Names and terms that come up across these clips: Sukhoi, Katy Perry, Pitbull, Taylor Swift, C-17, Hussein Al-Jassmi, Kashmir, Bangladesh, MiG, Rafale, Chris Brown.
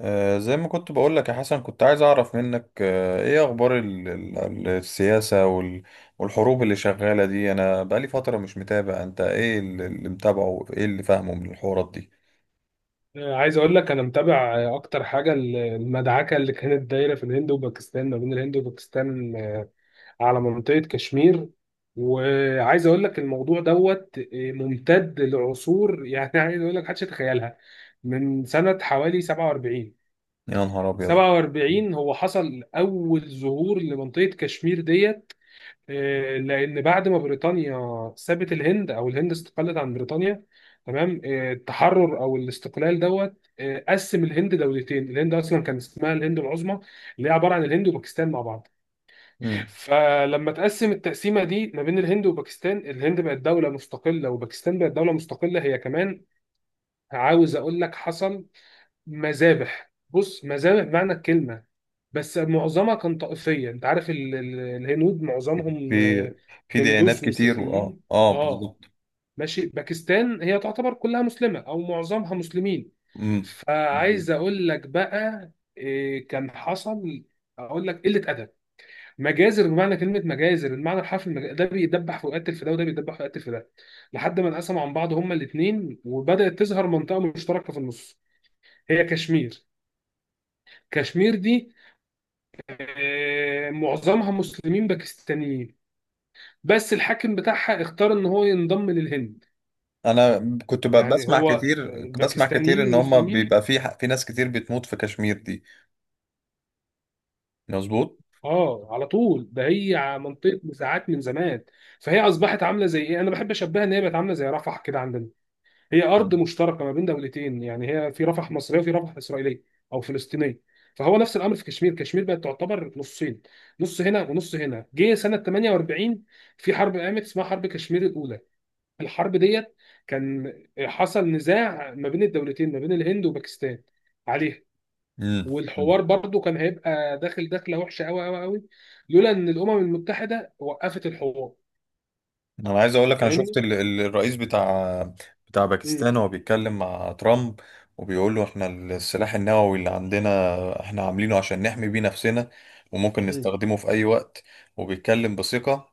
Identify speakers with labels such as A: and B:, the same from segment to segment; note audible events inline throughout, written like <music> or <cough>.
A: زي ما كنت بقولك يا حسن، كنت عايز أعرف منك إيه أخبار السياسة والحروب اللي شغالة دي. أنا بقالي فترة مش متابع. أنت إيه اللي متابعه؟ إيه اللي فاهمه من الحوارات دي؟
B: عايز اقول لك انا متابع اكتر حاجه المدعكه اللي كانت دايره في الهند وباكستان ما بين الهند وباكستان، على منطقه كشمير. وعايز اقول لك الموضوع دوت، ممتد لعصور <laughs> يعني عايز اقول لك محدش يتخيلها من سنه حوالي 47.
A: يا نهار أبيض.
B: 47 هو حصل اول ظهور لمنطقه كشمير ديت، لان بعد ما بريطانيا سابت الهند او الهند استقلت عن بريطانيا. تمام، التحرر او الاستقلال دوت، قسم الهند دولتين. الهند اصلا كان اسمها الهند العظمى اللي هي عباره عن الهند وباكستان مع بعض.
A: مم.
B: فلما تقسم التقسيمه دي ما بين الهند وباكستان، الهند بقت دوله مستقله وباكستان بقت دوله مستقله هي كمان. عاوز اقول لك حصل مذابح، بص، مذابح بمعنى الكلمة. بس معظمها كان طائفية، انت عارف الهنود معظمهم
A: في
B: آه،
A: في ديانات
B: هندوس
A: كتير، وآه
B: وسيخيين.
A: آه آه
B: اه،
A: بالظبط.
B: ماشي. باكستان هي تعتبر كلها مسلمة او معظمها مسلمين.
A: مم. بالظبط.
B: فعايز اقول لك بقى، كان حصل، اقول لك قلة ادب، مجازر بمعنى كلمة مجازر، المعنى الحرفي. ده بيدبح ويقتل في ده وده بيدبح ويقتل في ده لحد ما انقسموا عن بعض هما الاثنين. وبدأت تظهر منطقة مشتركة في النص، هي كشمير. كشمير دي، معظمها مسلمين باكستانيين، بس الحاكم بتاعها اختار ان هو ينضم للهند.
A: أنا كنت
B: يعني
A: بسمع
B: هو،
A: كتير، بسمع كتير
B: الباكستانيين
A: إن هما
B: المسلمين.
A: بيبقى في ناس كتير بتموت في كشمير دي. مظبوط.
B: اه، على طول ده. هي منطقه نزاعات من زمان. فهي اصبحت عامله زي ايه، انا بحب اشبهها ان هي بقت عامله زي رفح كده عندنا. هي ارض
A: مم.
B: مشتركه ما بين دولتين، يعني هي في رفح مصريه وفي رفح اسرائيليه او فلسطينيه. فهو نفس الامر في كشمير. كشمير بقت تعتبر نصين، نص هنا ونص هنا. جه سنه 48، في حرب قامت اسمها حرب كشمير الاولى. الحرب ديت كان حصل نزاع ما بين الدولتين، ما بين الهند وباكستان عليها.
A: مم.
B: والحوار برضو كان هيبقى داخله وحشه قوي قوي قوي، لولا ان الامم المتحده وقفت الحوار.
A: انا عايز اقول لك، انا شفت
B: فاهمني؟
A: الرئيس بتاع
B: امم.
A: باكستان وهو بيتكلم مع ترامب، وبيقول له احنا السلاح النووي اللي عندنا احنا عاملينه عشان نحمي بيه نفسنا، وممكن
B: امم.
A: نستخدمه في اي وقت. وبيتكلم بثقة.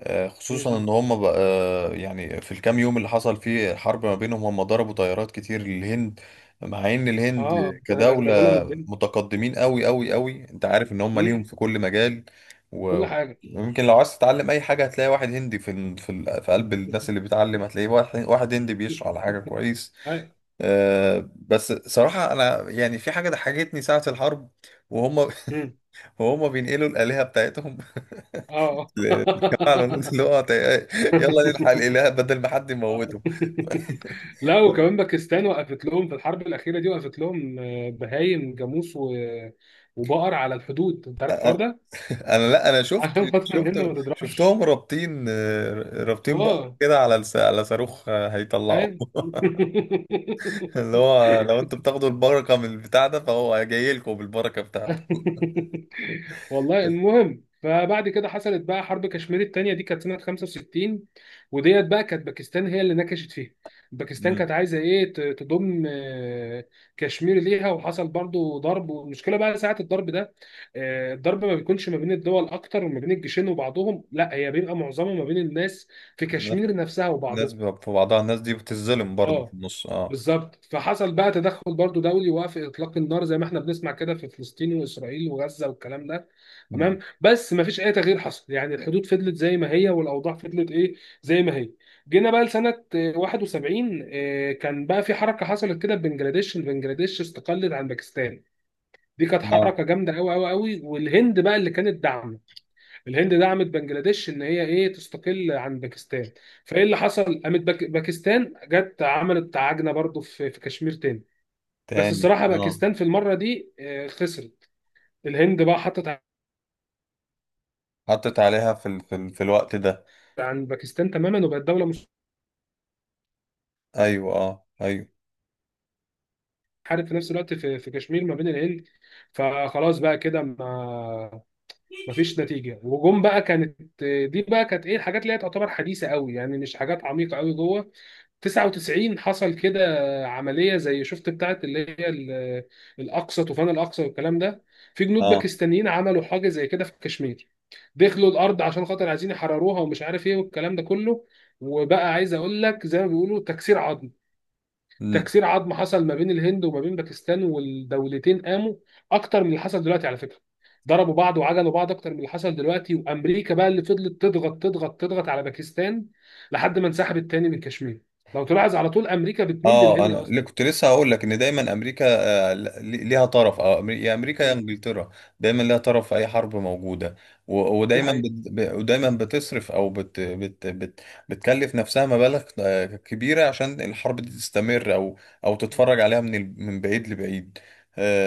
A: خصوصا
B: امم.
A: ان هم بقى، يعني في الكام يوم اللي حصل فيه حرب ما بينهم، هم ضربوا طيارات كتير للهند، مع ان الهند
B: اه، ده
A: كدولة
B: غلو من الدنيا.
A: متقدمين قوي قوي قوي. انت عارف ان هم ليهم
B: امم.
A: في كل مجال.
B: كل
A: و-
B: حاجه.
A: ويمكن لو عايز تتعلم اي حاجة هتلاقي واحد هندي في قلب الناس اللي
B: <laughs>
A: بتعلم، هتلاقيه واحد هندي بيشرح على حاجة كويس.
B: أيوة.
A: بس صراحة انا يعني في حاجة ضحكتني ساعة الحرب، وهم
B: امم.
A: <laughs> وهم بينقلوا الآلهة بتاعتهم
B: اه.
A: فعلا. <laughs> اللي هو يلا نلحق الاله
B: <laughs>
A: بدل ما حد
B: آه.
A: يموته.
B: <laughs> لا، وكمان باكستان وقفت لهم في الحرب الأخيرة دي، وقفت لهم، بهايم، جاموس وبقر على الحدود. أنت عارف الحوار ده؟
A: انا لا، انا
B: <laughs>
A: شفت،
B: عشان خاطر الهند
A: شفت
B: ما تضربش.
A: شفتهم رابطين، رابطين بقر
B: اه،
A: كده على على صاروخ هيطلعوه.
B: أيوة.
A: <laughs>
B: <laughs>
A: اللي هو لو انتوا بتاخدوا البركه من البتاع ده فهو جاي لكم بالبركه بتاعته.
B: <laughs> والله المهم. فبعد كده حصلت بقى حرب كشمير التانية، دي كانت سنة 65. وديت بقى كانت باكستان هي اللي نكشت فيها. باكستان
A: امم.
B: كانت عايزة ايه، تضم، كشمير ليها. وحصل برضو ضرب، والمشكلة بقى ساعة الضرب ده، الضرب ما بيكونش ما بين الدول اكتر، وما بين الجيشين وبعضهم، لا، هي بيبقى معظمه ما بين الناس في
A: الناس،
B: كشمير نفسها وبعضهم.
A: في بعضها، الناس دي بتتظلم برضو في
B: اه،
A: النص، اه.
B: بالظبط. فحصل بقى تدخل برضو دولي، وقف اطلاق النار، زي ما احنا بنسمع كده في فلسطين واسرائيل وغزه والكلام ده.
A: امم.
B: تمام، بس ما فيش اي تغيير حصل، يعني الحدود فضلت زي ما هي والاوضاع فضلت ايه، زي ما هي. جينا بقى لسنه، 71. كان بقى في حركه حصلت كده في بنجلاديش. بنجلاديش استقلت عن باكستان، دي كانت
A: اه.
B: حركه جامده قوي قوي قوي، والهند بقى اللي كانت داعمه. الهند دعمت بنجلاديش ان هي ايه، تستقل عن باكستان. فايه اللي حصل، قامت باكستان جت عملت عجنه برضو في كشمير تاني. بس
A: تاني،
B: الصراحه
A: اه.
B: باكستان في المره دي، خسرت. الهند بقى حطت
A: حطت عليها في في الوقت ده.
B: عن باكستان تماما، وبقت دوله مش
A: ايوه، اه، ايوه.
B: حارب في نفس الوقت في كشمير ما بين الهند. فخلاص بقى كده، ما مفيش نتيجه. وجم بقى، كانت دي بقى كانت ايه، الحاجات اللي هي تعتبر حديثه قوي، يعني مش حاجات عميقه قوي جوه. 99 حصل كده عمليه زي، شفت بتاعت اللي هي ال- الاقصى طوفان الاقصى والكلام ده. في جنود
A: اه،
B: باكستانيين عملوا حاجه زي كده في كشمير، دخلوا الارض عشان خاطر عايزين يحرروها ومش عارف ايه والكلام ده كله. وبقى عايز اقول لك زي ما بيقولوا، تكسير عظم. تكسير عظم حصل ما بين الهند وما بين باكستان، والدولتين قاموا اكتر من اللي حصل دلوقتي على فكره. ضربوا بعض وعجلوا بعض اكتر من اللي حصل دلوقتي، وامريكا بقى اللي فضلت تضغط تضغط تضغط على باكستان لحد ما انسحبت تاني من كشمير. لو تلاحظ، على طول امريكا بتميل
A: اه،
B: للهند
A: انا اللي
B: اصلا.
A: كنت لسه هقول لك ان دايما امريكا آه، ل- ليها طرف، يا امريكا يا
B: مم.
A: انجلترا. دايما ليها طرف في اي حرب موجوده.
B: دي
A: ودايما
B: حقيقه.
A: ودايما بتصرف او بت بت بت بتكلف نفسها مبالغ كبيره عشان الحرب دي تستمر، او او
B: مم.
A: تتفرج عليها من بعيد لبعيد.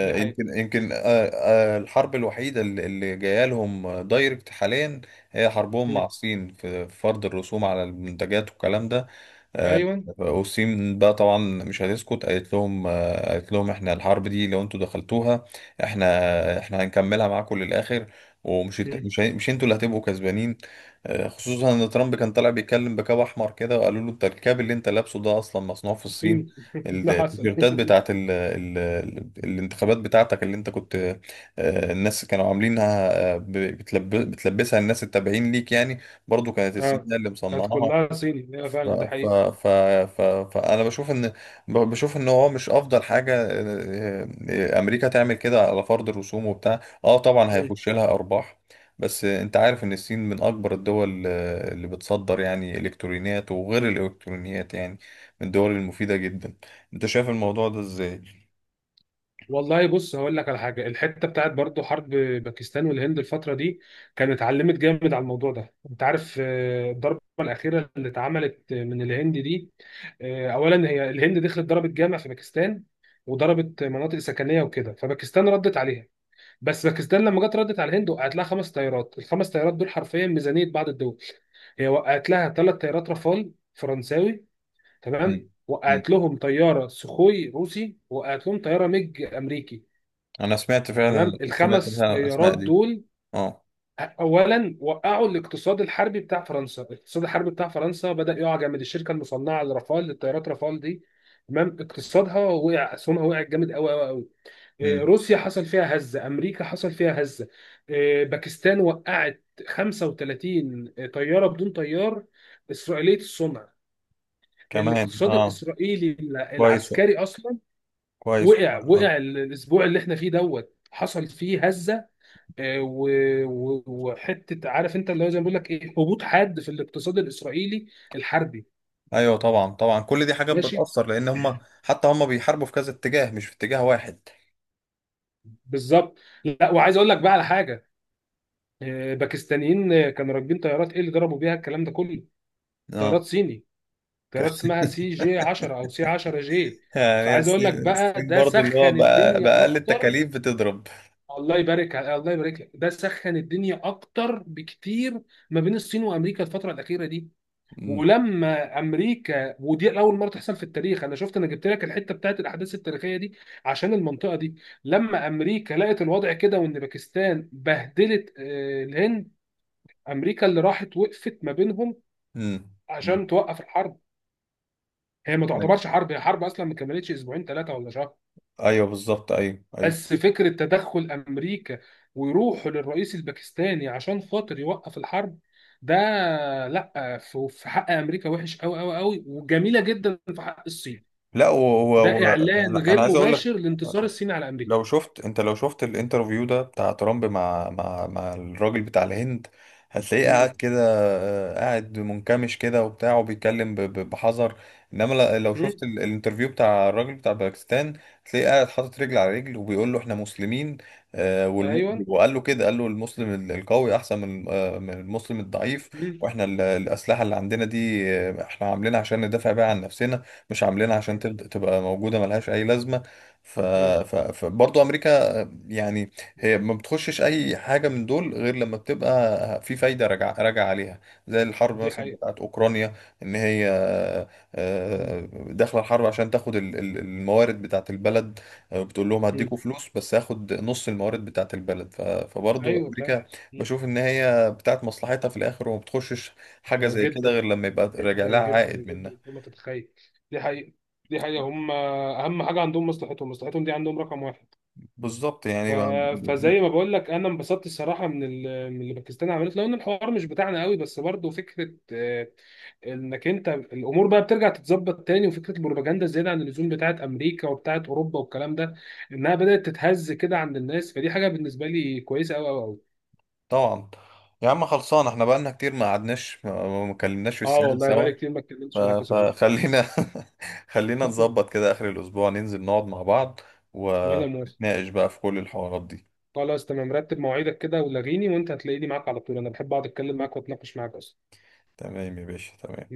B: دي حقيقه.
A: يمكن يمكن الحرب الوحيده اللي جايه لهم دايركت حاليا هي حربهم مع
B: مم.
A: الصين، في في فرض الرسوم على المنتجات والكلام ده. آه،
B: ايوه.
A: والصين بقى طبعا مش هتسكت، قالت لهم، قالت لهم احنا الحرب دي لو انتوا دخلتوها احنا احنا هنكملها معاكم للاخر، ومش هت-
B: مم.
A: مش هي- مش انتوا اللي هتبقوا كسبانين. خصوصا ان ترامب كان طالع بيتكلم بكاب احمر كده، وقالوا له انت الكاب اللي انت لابسه ده اصلا مصنوع في الصين،
B: الصين. <laughs> ده حصل.
A: التيشيرتات بتاعت ال الانتخابات بتاعتك اللي انت كنت، الناس كانوا عاملينها، بتلبسها الناس التابعين ليك يعني، برضو كانت الصين
B: اه،
A: هي اللي
B: كانت
A: مصنعاها.
B: كلها صيني، ايوه
A: ف
B: فعلا، ده
A: ف
B: حقيقي.
A: ف ف فانا بشوف ان، بشوف ان هو مش افضل حاجه امريكا تعمل كده على فرض الرسوم وبتاع. اه طبعا هيخش لها ارباح، بس انت عارف ان الصين من اكبر الدول اللي بتصدر يعني الكترونيات وغير الالكترونيات، يعني من الدول المفيده جدا. انت شايف الموضوع ده ازاي؟
B: والله بص هقول لك على حاجه. الحته بتاعت برضو حرب باكستان والهند الفتره دي، كانت اتعلمت جامد على الموضوع ده. انت عارف، الضربه الاخيره اللي اتعملت من الهند دي، اولا هي الهند دخلت ضربت جامع في باكستان وضربت مناطق سكنيه وكده، فباكستان ردت عليها. بس باكستان لما جت ردت على الهند، وقعت لها خمس طيارات. الخمس طيارات دول حرفيا ميزانيه بعض الدول. هي وقعت لها ثلاث طيارات رافال فرنساوي، تمام،
A: مم. مم.
B: وقعت لهم طياره سخوي روسي، وقعت لهم طياره ميج امريكي.
A: انا سمعت فعلا،
B: تمام،
A: سمعت
B: الخمس
A: فعلا
B: طيارات
A: الاسماء دي،
B: دول
A: اه.
B: اولا وقعوا الاقتصاد الحربي بتاع فرنسا. الاقتصاد الحربي بتاع فرنسا بدأ يقع جامد. الشركه المصنعه لرافال، للطيارات رافال دي، تمام، اقتصادها وقع، اسهمها وقعت جامد قوي قوي قوي. إيه،
A: مم.
B: روسيا حصل فيها هزه، امريكا حصل فيها هزه، باكستان وقعت 35 طياره بدون طيار اسرائيليه الصنع.
A: كمان،
B: الاقتصاد
A: اه.
B: الاسرائيلي
A: كويس والله.
B: العسكري اصلا
A: كويس والله، اه.
B: وقع. الاسبوع اللي احنا فيه دوت حصل فيه هزه، وحته عارف انت اللي هو زي ما بيقول لك ايه، هبوط حاد في الاقتصاد الاسرائيلي الحربي.
A: ايوه طبعا، طبعا كل دي حاجات
B: ماشي.
A: بتأثر، لان هم حتى هم بيحاربوا في كذا اتجاه مش في اتجاه واحد.
B: بالظبط. لا، وعايز اقول لك بقى على حاجه، باكستانيين، كانوا راكبين طيارات ايه اللي ضربوا بيها الكلام ده كله.
A: اه.
B: طيارات صيني،
A: ك-
B: طيارات
A: <laughs>
B: اسمها سي جي 10 او سي 10 جي.
A: يعني هي
B: فعايز اقول
A: الصين
B: لك بقى،
A: الصين
B: ده
A: برضو اللي هو
B: سخن الدنيا
A: بأقل
B: اكتر.
A: التكاليف بتضرب.
B: الله يبارك لك، ده سخن الدنيا اكتر بكتير ما بين الصين وامريكا الفتره الاخيره دي.
A: مم.
B: ولما امريكا، ودي اول مره تحصل في التاريخ انا شفت، انا جبت لك الحته بتاعت الاحداث التاريخيه دي عشان المنطقه دي. لما امريكا لقت الوضع كده، وان باكستان بهدلت، الهند، امريكا اللي راحت وقفت ما بينهم
A: مم. مم.
B: عشان توقف الحرب. هي ما
A: ايوه،
B: تعتبرش حرب، هي حرب اصلا ما كملتش اسبوعين ثلاثه ولا شهر.
A: ايوه بالظبط، ايوه ايوه.
B: بس فكره تدخل امريكا ويروحوا للرئيس الباكستاني عشان خاطر يوقف الحرب ده، لا، في حق امريكا وحش قوي قوي قوي، وجميله جدا في حق الصين.
A: لا
B: ده اعلان
A: انا
B: غير
A: أنا عايز اقول لك،
B: مباشر لانتصار الصين على امريكا.
A: لو شفت الانترفيو ده بتاع ترامب مع مع الراجل بتاع الهند، هتلاقيه قاعد
B: مم.
A: كده، قاعد منكمش كده وبتاع، وبيتكلم بحذر. انما لو شفت
B: مم.
A: الانترفيو بتاع الراجل بتاع باكستان، هتلاقيه قاعد حاطط رجل على رجل وبيقول له احنا مسلمين، آه، والم...
B: ايوه.
A: وقال له كده، قال له المسلم القوي احسن من من المسلم الضعيف،
B: مم.
A: واحنا الاسلحه اللي عندنا دي احنا عاملينها عشان ندافع بيها عن نفسنا، مش عاملينها عشان
B: مم.
A: تبقى موجوده ملهاش اي لازمه. ف...
B: مم.
A: فبرضه امريكا يعني هي ما بتخشش اي حاجه من دول غير لما بتبقى في فايده راجعه عليها، زي الحرب
B: دي
A: مثلا
B: حقيقه.
A: بتاعت اوكرانيا، ان هي
B: مم.
A: آه، داخله الحرب عشان تاخد الموارد بتاعت البلد، بتقول لهم
B: مم.
A: هديكوا فلوس بس هاخد نص الموارد بتاعت البلد. فبرضه
B: ايوه، فاهم.
A: امريكا
B: مم.
A: بشوف ان هي بتاعت مصلحتها في الاخر، وما بتخشش حاجه
B: ده
A: زي كده
B: جدا،
A: غير لما يبقى راجع
B: جدا
A: لها
B: جدا
A: عائد
B: جدا
A: منها.
B: فوق ما تتخيل. دي حقيقه. دي حقيقه، هم اهم حاجه عندهم مصلحتهم. مصلحتهم دي عندهم رقم واحد.
A: بالظبط
B: ف...
A: يعني.
B: فزي ما بقول لك انا انبسطت الصراحه من اللي باكستان عملته، لو ان الحوار مش بتاعنا قوي، بس برضه فكره، انك انت الامور بقى بترجع تتظبط تاني، وفكره البروباجندا الزياده عن اللزوم بتاعت امريكا وبتاعت اوروبا والكلام ده انها بدات تتهز كده عند الناس، فدي حاجه بالنسبه لي كويسه قوي قوي قوي.
A: طبعا. يا عم خلصان، احنا بقالنا كتير ما قعدناش، ما اتكلمناش في
B: اه،
A: السياسة
B: والله بقالي
A: سوا.
B: كتير ما
A: ف-
B: اتكلمتش معاك يا صديقي.
A: فخلينا، <laughs> خلينا
B: <laughs>
A: نظبط كده آخر الأسبوع ننزل نقعد مع بعض،
B: ولا موافق.
A: ونتناقش بقى في كل الحوارات دي.
B: خلاص، تمام، رتب مواعيدك كده ولاغيني، وانت هتلاقيني معاك على طول، انا بحب اقعد اتكلم معاك واتناقش معاك اصلا.
A: تمام يا باشا، تمام.